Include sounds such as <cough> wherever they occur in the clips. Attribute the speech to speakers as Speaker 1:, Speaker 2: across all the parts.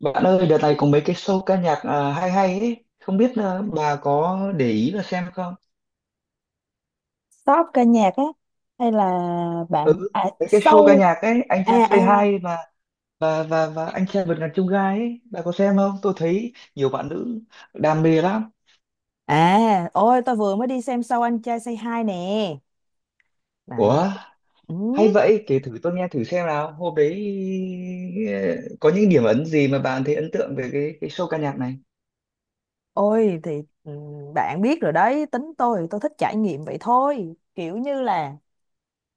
Speaker 1: Bạn ơi, đợt này có mấy cái show ca nhạc, hay hay ấy, không biết, bà có để ý và xem không?
Speaker 2: Shop ca nhạc á? Hay là
Speaker 1: Ừ,
Speaker 2: bạn à,
Speaker 1: mấy cái show ca
Speaker 2: show?
Speaker 1: nhạc ấy, anh
Speaker 2: à
Speaker 1: trai
Speaker 2: à
Speaker 1: Say Hi và anh trai vượt ngàn chông gai ấy, bà có xem không? Tôi thấy nhiều bạn nữ đam mê lắm.
Speaker 2: Ôi, tôi vừa mới đi xem show anh trai Say Hi nè đấy.
Speaker 1: Ủa,
Speaker 2: Ừ.
Speaker 1: hay vậy, kể thử tôi nghe thử xem nào. Hôm đấy ờ, có những điểm ấn gì mà bạn thấy ấn tượng về cái show ca nhạc này?
Speaker 2: ôi thì ừ, Bạn biết rồi đấy, tính tôi thích trải nghiệm vậy thôi, kiểu như là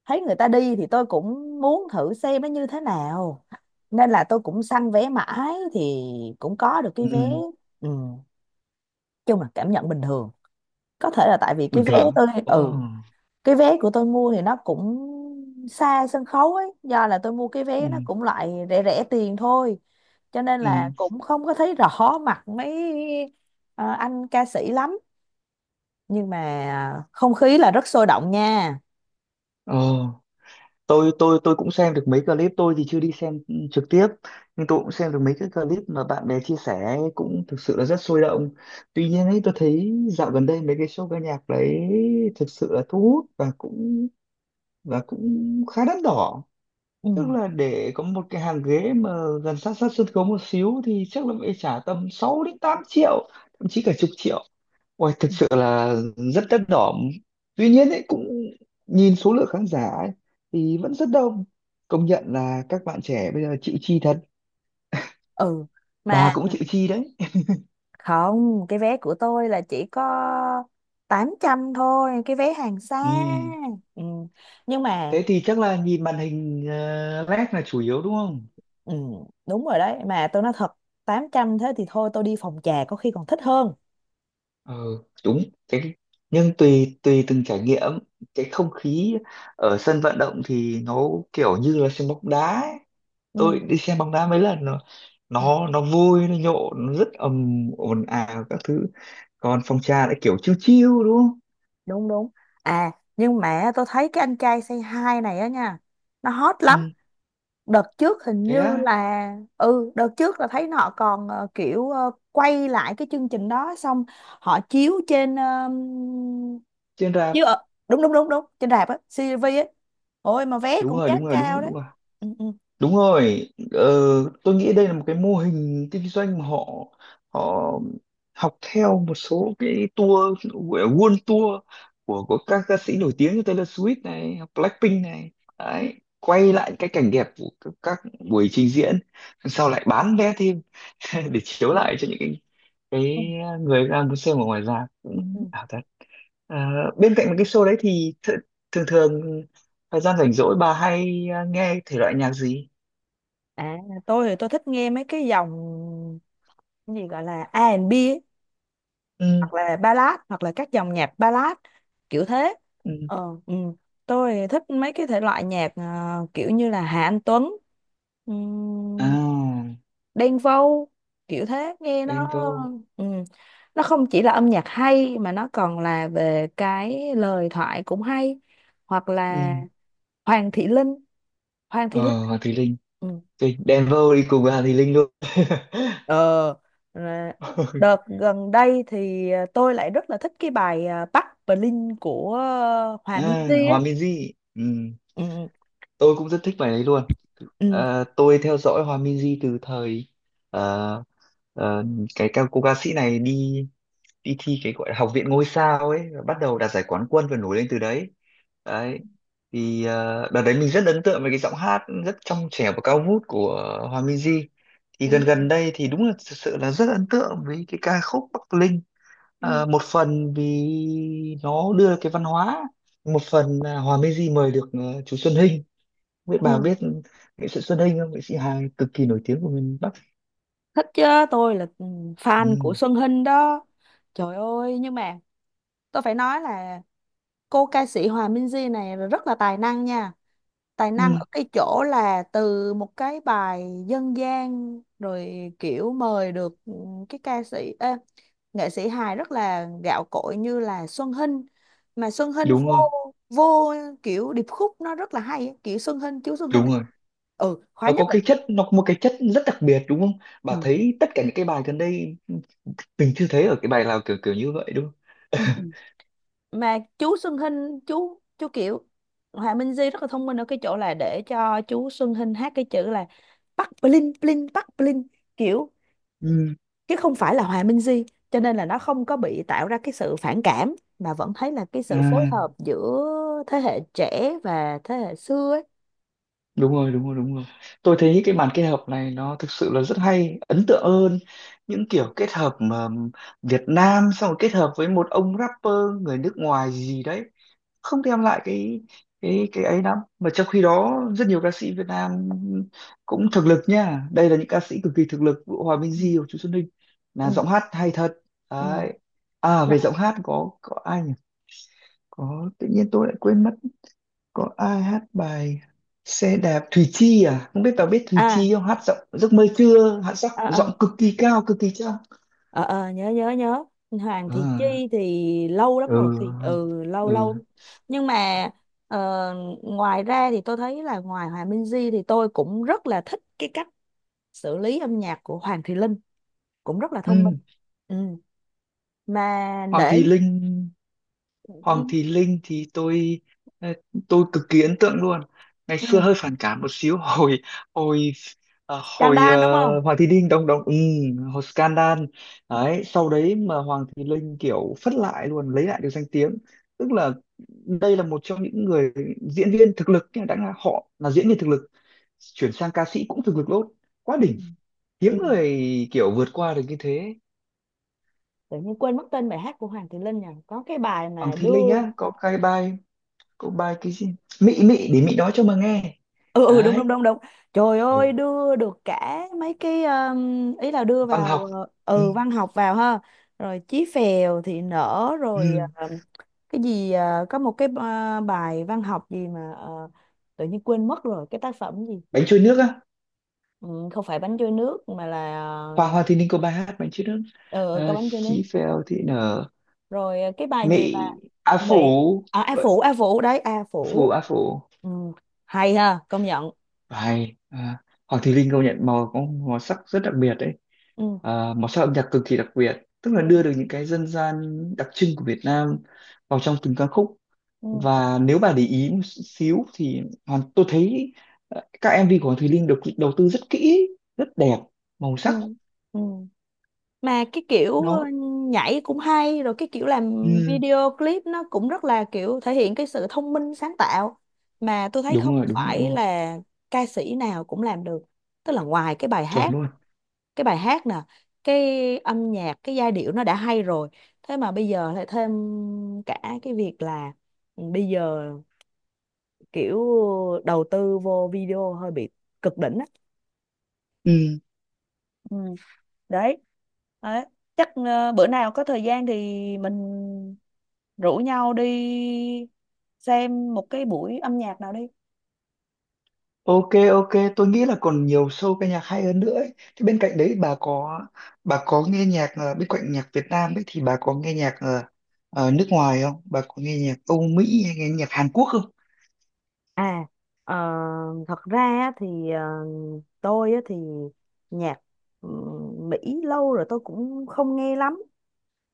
Speaker 2: thấy người ta đi thì tôi cũng muốn thử xem nó như thế nào, nên là tôi cũng săn vé mãi thì cũng có được cái vé.
Speaker 1: Ừ,
Speaker 2: Ừ. Chung là cảm nhận bình thường, có thể là tại vì cái
Speaker 1: bình
Speaker 2: vé
Speaker 1: thường.
Speaker 2: tôi,
Speaker 1: Ồ,
Speaker 2: cái vé của tôi mua thì nó cũng xa sân khấu ấy, do là tôi mua cái
Speaker 1: ừ,
Speaker 2: vé nó cũng loại rẻ rẻ tiền thôi, cho nên là
Speaker 1: ừ.
Speaker 2: cũng không có thấy rõ mặt mấy ờ, anh ca sĩ lắm, nhưng mà không khí là rất sôi động nha.
Speaker 1: Ồ. Tôi cũng xem được mấy clip, tôi thì chưa đi xem trực tiếp, nhưng tôi cũng xem được mấy cái clip mà bạn bè chia sẻ ấy, cũng thực sự là rất sôi động. Tuy nhiên ấy, tôi thấy dạo gần đây mấy cái show ca nhạc đấy thực sự là thu hút và cũng khá đắt đỏ,
Speaker 2: Ừ.
Speaker 1: tức là để có một cái hàng ghế mà gần sát sát sân khấu một xíu thì chắc là phải trả tầm 6 đến 8 triệu, thậm chí cả chục triệu. Ôi, thực sự là rất đắt đỏ. Tuy nhiên ấy, cũng nhìn số lượng khán giả ấy, thì vẫn rất đông. Công nhận là các bạn trẻ bây giờ chịu chi thật.
Speaker 2: Ừ mà
Speaker 1: Bà cũng chịu chi đấy.
Speaker 2: không, cái vé của tôi là chỉ có 800 thôi, cái vé hàng xa.
Speaker 1: Ừ.
Speaker 2: Ừ. Nhưng mà
Speaker 1: Thế thì chắc là nhìn màn hình led là chủ yếu đúng không?
Speaker 2: ừ, đúng rồi đấy, mà tôi nói thật, 800 thế thì thôi tôi đi phòng trà có khi còn thích hơn.
Speaker 1: Ờ, đúng. Cái, nhưng tùy tùy từng trải nghiệm, cái không khí ở sân vận động thì nó kiểu như là sân bóng đá ấy.
Speaker 2: Ừ.
Speaker 1: Tôi đi xem bóng đá mấy lần rồi, nó vui, nó nhộn, nó rất ầm ồn ào các thứ, còn phòng trà lại kiểu chill chill đúng không?
Speaker 2: Đúng đúng. À, nhưng mà tôi thấy cái anh trai say hi này á nha, nó hot lắm.
Speaker 1: Ừ,
Speaker 2: Đợt trước hình
Speaker 1: thế
Speaker 2: như
Speaker 1: á,
Speaker 2: là đợt trước là thấy họ còn kiểu quay lại cái chương trình đó xong họ chiếu trên
Speaker 1: trên rạp.
Speaker 2: chiếu ở, đúng đúng đúng đúng, trên rạp á, CCTV á. Ôi mà vé
Speaker 1: Đúng
Speaker 2: cũng
Speaker 1: rồi,
Speaker 2: giá
Speaker 1: đúng rồi, đúng rồi,
Speaker 2: cao
Speaker 1: đúng
Speaker 2: đấy.
Speaker 1: rồi.
Speaker 2: Ừ, ừ,
Speaker 1: Đúng rồi, ờ, tôi nghĩ đây là một cái mô hình kinh doanh mà họ họ học theo một số cái tour, gọi là world tour của các ca sĩ nổi tiếng như Taylor Swift này, hoặc Blackpink này, đấy, quay lại cái cảnh đẹp của các buổi trình diễn, sau lại bán vé thêm <laughs> để chiếu lại cho những cái
Speaker 2: ừ.
Speaker 1: người đang muốn xem ở ngoài ra
Speaker 2: Ừ.
Speaker 1: cũng ảo thật. Ờ, bên cạnh cái show đấy thì thường thường thời gian rảnh rỗi bà hay, nghe thể loại nhạc gì?
Speaker 2: À, tôi thì tôi thích nghe mấy cái dòng cái gì gọi là A R&B,
Speaker 1: Ừ,
Speaker 2: hoặc là ballad, hoặc là các dòng nhạc ballad kiểu thế.
Speaker 1: ừ,
Speaker 2: ờ ừ. Tôi thích mấy cái thể loại nhạc à, kiểu như là Hà Anh Tuấn, um,
Speaker 1: à,
Speaker 2: Đen Vâu kiểu thế, nghe nó,
Speaker 1: Denver,
Speaker 2: ừ, nó không chỉ là âm nhạc hay mà nó còn là về cái lời thoại cũng hay, hoặc
Speaker 1: ừ,
Speaker 2: là Hoàng Thị Linh, Hoàng Thị Linh.
Speaker 1: ờ, Hoàng Thùy Linh.
Speaker 2: Ừ.
Speaker 1: Tôi- Denver đi cùng với Hoàng Thùy Linh luôn.
Speaker 2: Ờ,
Speaker 1: <laughs>
Speaker 2: à, đợt gần đây thì tôi lại rất là thích cái bài à, Bắc Berlin của à, Hòa
Speaker 1: À,
Speaker 2: Minzy ấy.
Speaker 1: Hòa Minzy, ừ.
Speaker 2: Ừ,
Speaker 1: Tôi cũng rất thích bài đấy luôn.
Speaker 2: ừ,
Speaker 1: Ờ, tôi theo dõi Hòa Minzy từ thời ờ, ờ, cái ca cô ca sĩ này đi đi thi cái gọi là học viện ngôi sao ấy, bắt đầu đạt giải quán quân và nổi lên từ đấy. Đấy, thì đợt đấy mình rất ấn tượng với cái giọng hát rất trong trẻo và cao vút của Hòa Minzy. Thì
Speaker 2: ừ,
Speaker 1: gần gần đây thì đúng là thực sự là rất ấn tượng với cái ca khúc Bắc Linh.
Speaker 2: ừ,
Speaker 1: Ờ, một phần vì nó đưa cái văn hóa, một phần là Hòa Minzy mời được chú Xuân Hinh. Không biết bà
Speaker 2: ừ.
Speaker 1: biết nghệ sĩ Xuân Hinh không? Nghệ sĩ Hàn cực kỳ nổi tiếng của miền Bắc.
Speaker 2: Thích chứ, tôi là
Speaker 1: Ừ.
Speaker 2: fan của Xuân Hinh đó. Trời ơi, nhưng mà tôi phải nói là cô ca sĩ Hòa Minzy này rất là tài năng nha. Tài năng ở
Speaker 1: Ừ.
Speaker 2: cái chỗ là từ một cái bài dân gian rồi kiểu mời được cái ca sĩ ê, nghệ sĩ hài rất là gạo cội như là Xuân Hinh, mà Xuân Hinh
Speaker 1: Đúng
Speaker 2: vô
Speaker 1: rồi,
Speaker 2: vô kiểu điệp khúc nó rất là hay ấy, kiểu Xuân Hinh chú Xuân Hinh
Speaker 1: đúng rồi.
Speaker 2: ừ khóa
Speaker 1: Nó
Speaker 2: nhất
Speaker 1: có
Speaker 2: là,
Speaker 1: cái chất, nó có một cái chất rất đặc biệt đúng không?
Speaker 2: ừ,
Speaker 1: Bà thấy tất cả những cái bài gần đây mình chưa thấy ở cái bài nào kiểu kiểu như vậy đúng không?
Speaker 2: ừ,
Speaker 1: <laughs>
Speaker 2: ừ, mà chú Xuân Hinh chú kiểu Hòa Minh Di rất là thông minh ở cái chỗ là để cho chú Xuân Hinh hát cái chữ là bắc bling bling bắc bling kiểu,
Speaker 1: Ừ.
Speaker 2: chứ không phải là Hòa Minh Di, cho nên là nó không có bị tạo ra cái sự phản cảm mà vẫn thấy là cái sự phối
Speaker 1: À,
Speaker 2: hợp giữa thế hệ trẻ và thế hệ xưa ấy.
Speaker 1: đúng rồi, đúng rồi, đúng rồi. Tôi thấy cái màn kết hợp này nó thực sự là rất hay, ấn tượng hơn những kiểu kết hợp mà Việt Nam xong rồi kết hợp với một ông rapper người nước ngoài gì đấy, không đem lại cái cái ấy lắm. Mà trong khi đó rất nhiều ca sĩ Việt Nam cũng thực lực nha. Đây là những ca sĩ cực kỳ thực lực, Vũ, Hòa Minh
Speaker 2: Ừ.
Speaker 1: Di và Chú Xuân Ninh là
Speaker 2: Ừ.
Speaker 1: giọng hát hay thật.
Speaker 2: Ừ.
Speaker 1: Đấy. À
Speaker 2: Nè,
Speaker 1: về giọng hát có ai nhỉ? Có tự nhiên tôi lại quên mất, có ai hát bài xe đạp, Thùy Chi, à không biết bà biết Thùy
Speaker 2: à,
Speaker 1: Chi không, hát giọng giấc mơ trưa, hát giọng
Speaker 2: à,
Speaker 1: giọng
Speaker 2: à,
Speaker 1: cực kỳ cao cực kỳ trong.
Speaker 2: à, à, nhớ nhớ nhớ, Hoàng thị
Speaker 1: À,
Speaker 2: Chi thì lâu lắm rồi thì
Speaker 1: ừ,
Speaker 2: lâu
Speaker 1: ừ,
Speaker 2: lâu, nhưng mà ờ, ngoài ra thì tôi thấy là ngoài Hòa Minh Di thì tôi cũng rất là thích cái cách xử lý âm nhạc của Hoàng thị Linh, cũng rất là thông minh.
Speaker 1: ừ.
Speaker 2: Ừ. Mà
Speaker 1: Hoàng
Speaker 2: để,
Speaker 1: Thùy Linh. Hoàng
Speaker 2: ừ,
Speaker 1: Thị Linh thì tôi ờ, tôi cực kỳ ấn tượng luôn. Ngày xưa hơi
Speaker 2: ừ.
Speaker 1: phản cảm một xíu <laughs> hồi hồi
Speaker 2: Trang
Speaker 1: hồi
Speaker 2: Đan đúng không?
Speaker 1: ờ, Hoàng Thị Linh đồng đồng ừ, hồi scandal đấy, sau đấy mà Hoàng Thị Linh kiểu phất lại luôn, lấy lại được danh tiếng. Tức là đây là một trong những người diễn viên thực lực, nhưng đã là họ là diễn viên thực lực, chuyển sang ca sĩ cũng thực lực luôn, quá
Speaker 2: Ừ,
Speaker 1: đỉnh, hiếm
Speaker 2: ừ.
Speaker 1: người kiểu vượt qua được như thế.
Speaker 2: Tự nhiên quên mất tên bài hát của Hoàng Thùy Linh nhỉ? Có cái bài
Speaker 1: Hoàng
Speaker 2: mà
Speaker 1: Thị Linh
Speaker 2: đưa,
Speaker 1: á có cái bài, Cậu bài cái gì? Mị mị để mị nói cho mà nghe.
Speaker 2: ừ ừ đúng đúng
Speaker 1: Đấy.
Speaker 2: đúng đúng. Trời
Speaker 1: Ừ.
Speaker 2: ơi, đưa được cả mấy cái ý là đưa
Speaker 1: Văn
Speaker 2: vào
Speaker 1: học. Ừ.
Speaker 2: văn học vào ha. Rồi Chí Phèo thì nở rồi
Speaker 1: Ừ.
Speaker 2: cái gì có một cái bài văn học gì mà tự nhiên quên mất rồi cái tác phẩm gì.
Speaker 1: Bánh trôi nước á.
Speaker 2: Ừ, không phải bánh trôi nước mà là
Speaker 1: Hoa, Hoa Thì Ninh có bài hát bánh trôi nước.
Speaker 2: ờ ừ, có
Speaker 1: Ờ,
Speaker 2: bánh trôi nước.
Speaker 1: Chí Phèo thì nở.
Speaker 2: Rồi cái bài gì mà
Speaker 1: Mị A
Speaker 2: bị,
Speaker 1: Phủ.
Speaker 2: à, A
Speaker 1: Vậy,
Speaker 2: Phủ A Phủ đấy A
Speaker 1: Phủ
Speaker 2: Phủ.
Speaker 1: A Phủ.
Speaker 2: Ừ. Hay ha, công nhận.
Speaker 1: Bài. À, Hoàng Thùy Linh công nhận màu có màu sắc rất đặc biệt đấy.
Speaker 2: Ừ.
Speaker 1: À, màu sắc âm nhạc cực kỳ đặc biệt. Tức
Speaker 2: Ừ.
Speaker 1: là đưa được những cái dân gian đặc trưng của Việt Nam vào trong từng ca khúc,
Speaker 2: Ừ.
Speaker 1: và nếu bà để ý một xíu thì hoàn tôi thấy, các MV của Hoàng Thùy Linh được đầu tư rất kỹ, rất đẹp màu
Speaker 2: Ừ.
Speaker 1: sắc.
Speaker 2: Ừ. Mà cái kiểu
Speaker 1: Nó
Speaker 2: nhảy cũng hay, rồi cái kiểu làm
Speaker 1: ừ,
Speaker 2: video clip nó cũng rất là kiểu thể hiện cái sự thông minh sáng tạo, mà tôi thấy
Speaker 1: đúng
Speaker 2: không
Speaker 1: rồi, đúng rồi,
Speaker 2: phải
Speaker 1: đúng rồi,
Speaker 2: là ca sĩ nào cũng làm được. Tức là ngoài cái bài
Speaker 1: chuẩn
Speaker 2: hát,
Speaker 1: luôn,
Speaker 2: cái bài hát nè, cái âm nhạc cái giai điệu nó đã hay rồi, thế mà bây giờ lại thêm cả cái việc là, ừ, bây giờ kiểu đầu tư vô video hơi bị cực đỉnh á.
Speaker 1: ừ.
Speaker 2: Ừ. Đấy đấy, chắc bữa nào có thời gian thì mình rủ nhau đi xem một cái buổi âm nhạc nào đi.
Speaker 1: Ok, ok, tôi nghĩ là còn nhiều show ca nhạc hay hơn nữa ấy. Thế bên cạnh đấy bà có nghe nhạc, bên cạnh nhạc Việt Nam ấy thì bà có nghe nhạc nước ngoài không, bà có nghe nhạc Âu Mỹ hay nghe nhạc Hàn Quốc không?
Speaker 2: À, ờ, thật ra á thì tôi á thì nhạc, ừ, Mỹ, lâu rồi tôi cũng không nghe lắm,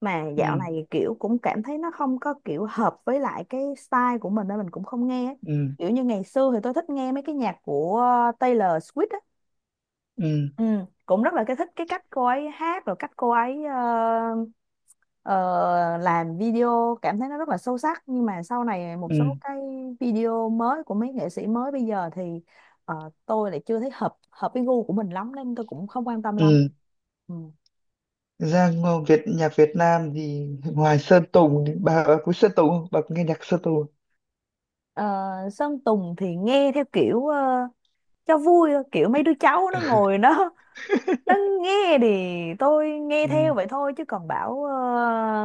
Speaker 2: mà dạo
Speaker 1: Ừ,
Speaker 2: này kiểu cũng cảm thấy nó không có kiểu hợp với lại cái style của mình, nên mình cũng không nghe ấy.
Speaker 1: ừ,
Speaker 2: Kiểu như ngày xưa thì tôi thích nghe mấy cái nhạc của Taylor Swift á,
Speaker 1: ừ,
Speaker 2: ừ, cũng rất là cái thích cái cách cô ấy hát, rồi cách cô ấy ờ, làm video, cảm thấy nó rất là sâu sắc. Nhưng mà sau này một
Speaker 1: ừ,
Speaker 2: số cái video mới của mấy nghệ sĩ mới bây giờ thì ờ, tôi lại chưa thấy hợp hợp với gu của mình lắm, nên tôi cũng không quan tâm lắm.
Speaker 1: ừ.
Speaker 2: Ừ.
Speaker 1: Ra ngo- Việt nhạc Việt Nam thì ngoài Sơn Tùng thì bà quý Sơn Tùng không? Bà có nghe nhạc Sơn Tùng không?
Speaker 2: Ờ, Sơn Tùng thì nghe theo kiểu cho vui thôi, kiểu mấy đứa cháu nó ngồi nó <laughs> nó
Speaker 1: <laughs>
Speaker 2: nghe thì tôi nghe theo
Speaker 1: Ừ,
Speaker 2: vậy thôi, chứ còn bảo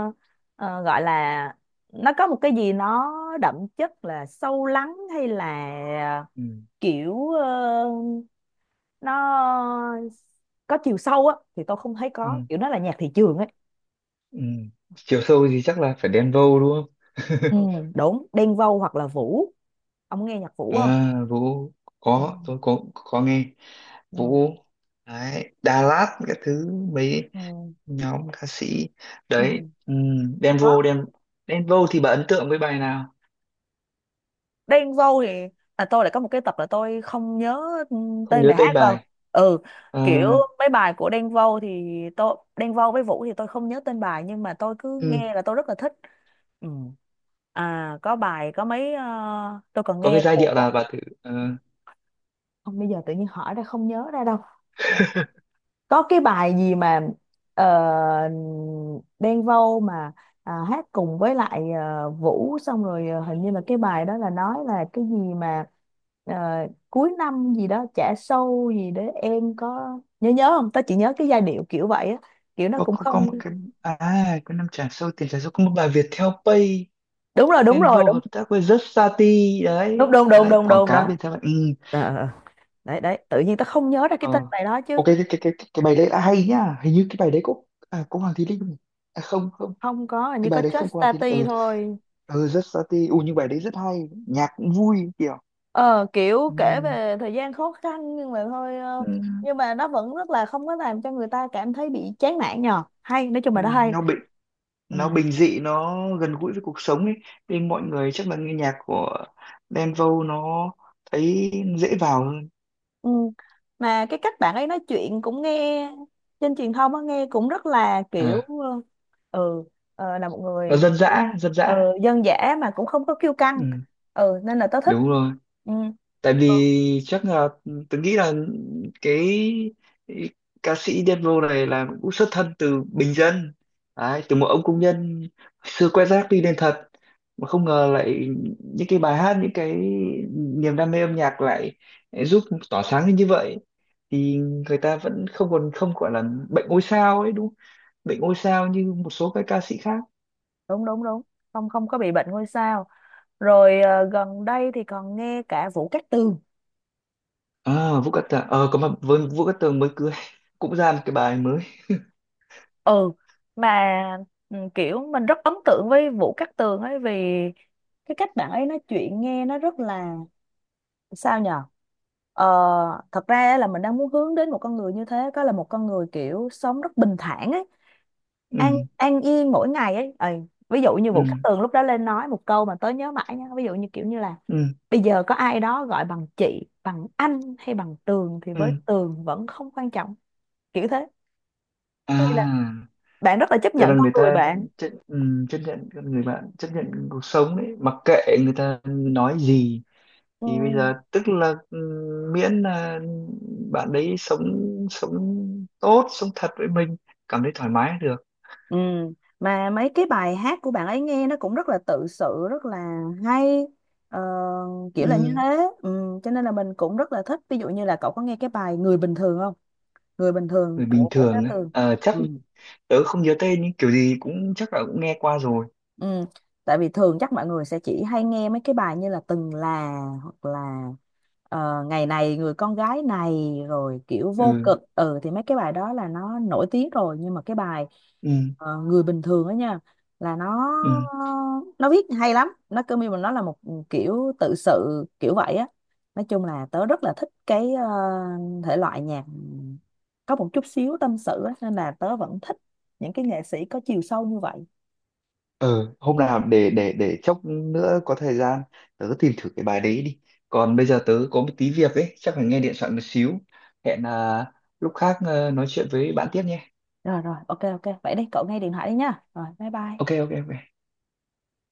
Speaker 2: ờ, gọi là nó có một cái gì nó đậm chất là sâu lắng hay là
Speaker 1: ừ,
Speaker 2: kiểu nó có chiều sâu á thì tôi không thấy, có
Speaker 1: ừ,
Speaker 2: kiểu nó là nhạc thị trường ấy.
Speaker 1: ừ. Chiều sâu thì chắc là phải Đen Vâu đúng không?
Speaker 2: Ừ,
Speaker 1: <laughs>
Speaker 2: đúng, Đen Vâu hoặc là Vũ, ông nghe nhạc Vũ không?
Speaker 1: À, Vũ,
Speaker 2: Ừ,
Speaker 1: có tôi có nghe
Speaker 2: ừ,
Speaker 1: Vũ, đấy, Đà Lạt các thứ, mấy
Speaker 2: ừ,
Speaker 1: nhóm ca sĩ
Speaker 2: ừ.
Speaker 1: đấy, ừ, Đen
Speaker 2: Có.
Speaker 1: Vâu, Đen, Đen Vâu thì bà ấn tượng với bài nào?
Speaker 2: Đen Vâu thì là tôi lại có một cái tập là tôi không nhớ, ừ,
Speaker 1: Không
Speaker 2: tên
Speaker 1: nhớ
Speaker 2: bài
Speaker 1: tên
Speaker 2: hát đâu.
Speaker 1: bài.
Speaker 2: Ừ,
Speaker 1: Ờ,
Speaker 2: kiểu mấy bài của Đen Vâu thì tôi, Đen Vâu với Vũ thì tôi không nhớ tên bài, nhưng mà tôi cứ
Speaker 1: ừ,
Speaker 2: nghe là tôi rất là thích. Ừ. À, có bài có mấy tôi còn
Speaker 1: có cái
Speaker 2: nghe
Speaker 1: giai điệu
Speaker 2: của,
Speaker 1: nào bà thử
Speaker 2: không bây giờ tự nhiên hỏi ra không nhớ ra đâu, có cái bài gì mà ờ, Đen Vâu mà, à, hát cùng với lại Vũ xong rồi hình như là cái bài đó là nói là cái gì mà ờ, cuối năm gì đó trả sâu gì để em có nhớ nhớ không? Tao chỉ nhớ cái giai điệu kiểu vậy á, kiểu nó cũng
Speaker 1: có
Speaker 2: không,
Speaker 1: một cái, à, cái năm trả sâu, tiền trả sâu, có một bài Viettel Pay,
Speaker 2: đúng rồi đúng rồi
Speaker 1: Envo
Speaker 2: đúng
Speaker 1: hợp tác với Justati,
Speaker 2: đúng
Speaker 1: đấy
Speaker 2: đúng đúng
Speaker 1: đấy,
Speaker 2: đúng
Speaker 1: quảng
Speaker 2: đúng
Speaker 1: cáo
Speaker 2: đó.
Speaker 1: Viettel Pay. Ừ.
Speaker 2: Ờ, ờ, ờ, đấy đấy tự nhiên tao không nhớ ra cái
Speaker 1: Ờ.
Speaker 2: tên bài đó chứ.
Speaker 1: Ok, cái bài đấy là hay nhá, hình như cái bài đấy có, à, có Hoàng Thùy Linh không nhỉ? À, không không,
Speaker 2: Không có, hình
Speaker 1: cái
Speaker 2: như có
Speaker 1: bài đấy
Speaker 2: Just
Speaker 1: không có Hoàng Thùy Linh,
Speaker 2: Tati
Speaker 1: ừ
Speaker 2: thôi.
Speaker 1: ừ Justati, ừ nhưng bài đấy rất hay, nhạc cũng vui kiểu
Speaker 2: Ờ Kiểu
Speaker 1: ừ.
Speaker 2: kể về thời gian khó khăn, nhưng mà thôi
Speaker 1: Ừ.
Speaker 2: nhưng mà nó vẫn rất là không có làm cho người ta cảm thấy bị chán nản nhờ, hay nói chung
Speaker 1: Ừ.
Speaker 2: là nó hay.
Speaker 1: Nó bình,
Speaker 2: Ừ.
Speaker 1: nó bình dị, nó gần gũi với cuộc sống ấy, nên mọi người chắc là nghe nhạc của Đen Vâu, nó thấy dễ vào
Speaker 2: Ừ. Mà cái cách bạn ấy nói chuyện cũng nghe trên truyền thông á, nghe cũng rất là
Speaker 1: hơn,
Speaker 2: kiểu ừ là một
Speaker 1: nó
Speaker 2: người
Speaker 1: dân
Speaker 2: kiểu,
Speaker 1: dã, dân
Speaker 2: ờ,
Speaker 1: dã,
Speaker 2: dân dã mà cũng không có kiêu căng,
Speaker 1: ừ,
Speaker 2: ừ, nên là tớ thích.
Speaker 1: đúng rồi,
Speaker 2: Ừ.
Speaker 1: tại
Speaker 2: Ờ,
Speaker 1: vì chắc là tôi nghĩ là cái ca sĩ Đen Vâu này là cũng xuất thân từ bình dân. Đấy, từ một ông công nhân xưa quét rác đi lên thật, mà không ngờ lại những cái bài hát, những cái niềm đam mê âm nhạc lại giúp tỏa sáng lên như vậy, thì người ta vẫn không còn không gọi là bệnh ngôi sao ấy đúng không? Bệnh ngôi sao như một số các ca sĩ khác.
Speaker 2: đúng đúng đúng, không không có bị bệnh ngôi sao. Rồi gần đây thì còn nghe cả Vũ Cát Tường.
Speaker 1: À, Vũ Cát Tường, ờ có, mà với Vũ Cát Tường mới cưới <laughs> cũng ra một cái bài mới.
Speaker 2: Ừ mà, kiểu mình rất ấn tượng với Vũ Cát Tường ấy, vì cái cách bạn ấy nói chuyện nghe nó rất là sao nhờ, ờ, thật ra á là mình đang muốn hướng đến một con người như thế, có là một con người kiểu sống rất bình thản ấy, an
Speaker 1: Ừ,
Speaker 2: an yên mỗi ngày ấy. Ừ. Ví dụ như Vũ
Speaker 1: ừ,
Speaker 2: Cát Tường lúc đó lên nói một câu mà tớ nhớ mãi nha, ví dụ như kiểu như là
Speaker 1: ừ,
Speaker 2: bây giờ có ai đó gọi bằng chị bằng anh hay bằng Tường thì với
Speaker 1: ừ,
Speaker 2: Tường vẫn không quan trọng, kiểu thế, có nghĩa là
Speaker 1: à,
Speaker 2: bạn rất là chấp
Speaker 1: tức là
Speaker 2: nhận con
Speaker 1: người
Speaker 2: người
Speaker 1: ta
Speaker 2: bạn.
Speaker 1: chấp, ừ, chấp nhận con người bạn, chấp nhận cuộc sống đấy, mặc kệ người ta nói gì,
Speaker 2: Ừ.
Speaker 1: thì bây giờ tức là ừ, miễn là bạn đấy sống, sống tốt, sống thật với mình, cảm thấy thoải mái là được.
Speaker 2: Ừ. Mà mấy cái bài hát của bạn ấy nghe nó cũng rất là tự sự, rất là hay ờ, kiểu là như
Speaker 1: Ừ,
Speaker 2: thế. Ừ. Cho nên là mình cũng rất là thích, ví dụ như là cậu có nghe cái bài Người Bình Thường không? Người Bình Thường
Speaker 1: người bình
Speaker 2: của Vũ Cát
Speaker 1: thường ấy.
Speaker 2: Tường.
Speaker 1: Ờ, chắc
Speaker 2: Ừ.
Speaker 1: tớ không nhớ tên, nhưng kiểu gì cũng chắc là cũng nghe qua rồi.
Speaker 2: Ừ. Tại vì thường chắc mọi người sẽ chỉ hay nghe mấy cái bài như là Từng Là, hoặc là Ngày Này Người Con Gái Này rồi kiểu Vô
Speaker 1: Ừ,
Speaker 2: Cực, ừ, thì mấy cái bài đó là nó nổi tiếng rồi. Nhưng mà cái bài
Speaker 1: ừ,
Speaker 2: Người Bình Thường đó nha, là nó
Speaker 1: ừ.
Speaker 2: nó viết hay lắm, nó cứ như mà nó là một, ừ, kiểu tự sự kiểu vậy á. Nói chung là tớ rất là thích cái thể loại nhạc có một chút xíu tâm sự á, nên là tớ vẫn thích những cái nghệ sĩ có chiều sâu như vậy.
Speaker 1: Ờ, hôm nào để để chốc nữa có thời gian tớ tìm thử cái bài đấy đi. Còn bây giờ tớ có một tí việc ấy, chắc phải nghe điện thoại một xíu. Hẹn, lúc khác ờ, nói chuyện với bạn tiếp nhé.
Speaker 2: Rồi rồi, ok ok. Vậy đi, cậu nghe điện thoại đi nha. Rồi, bye bye.
Speaker 1: Ok, ok, ok.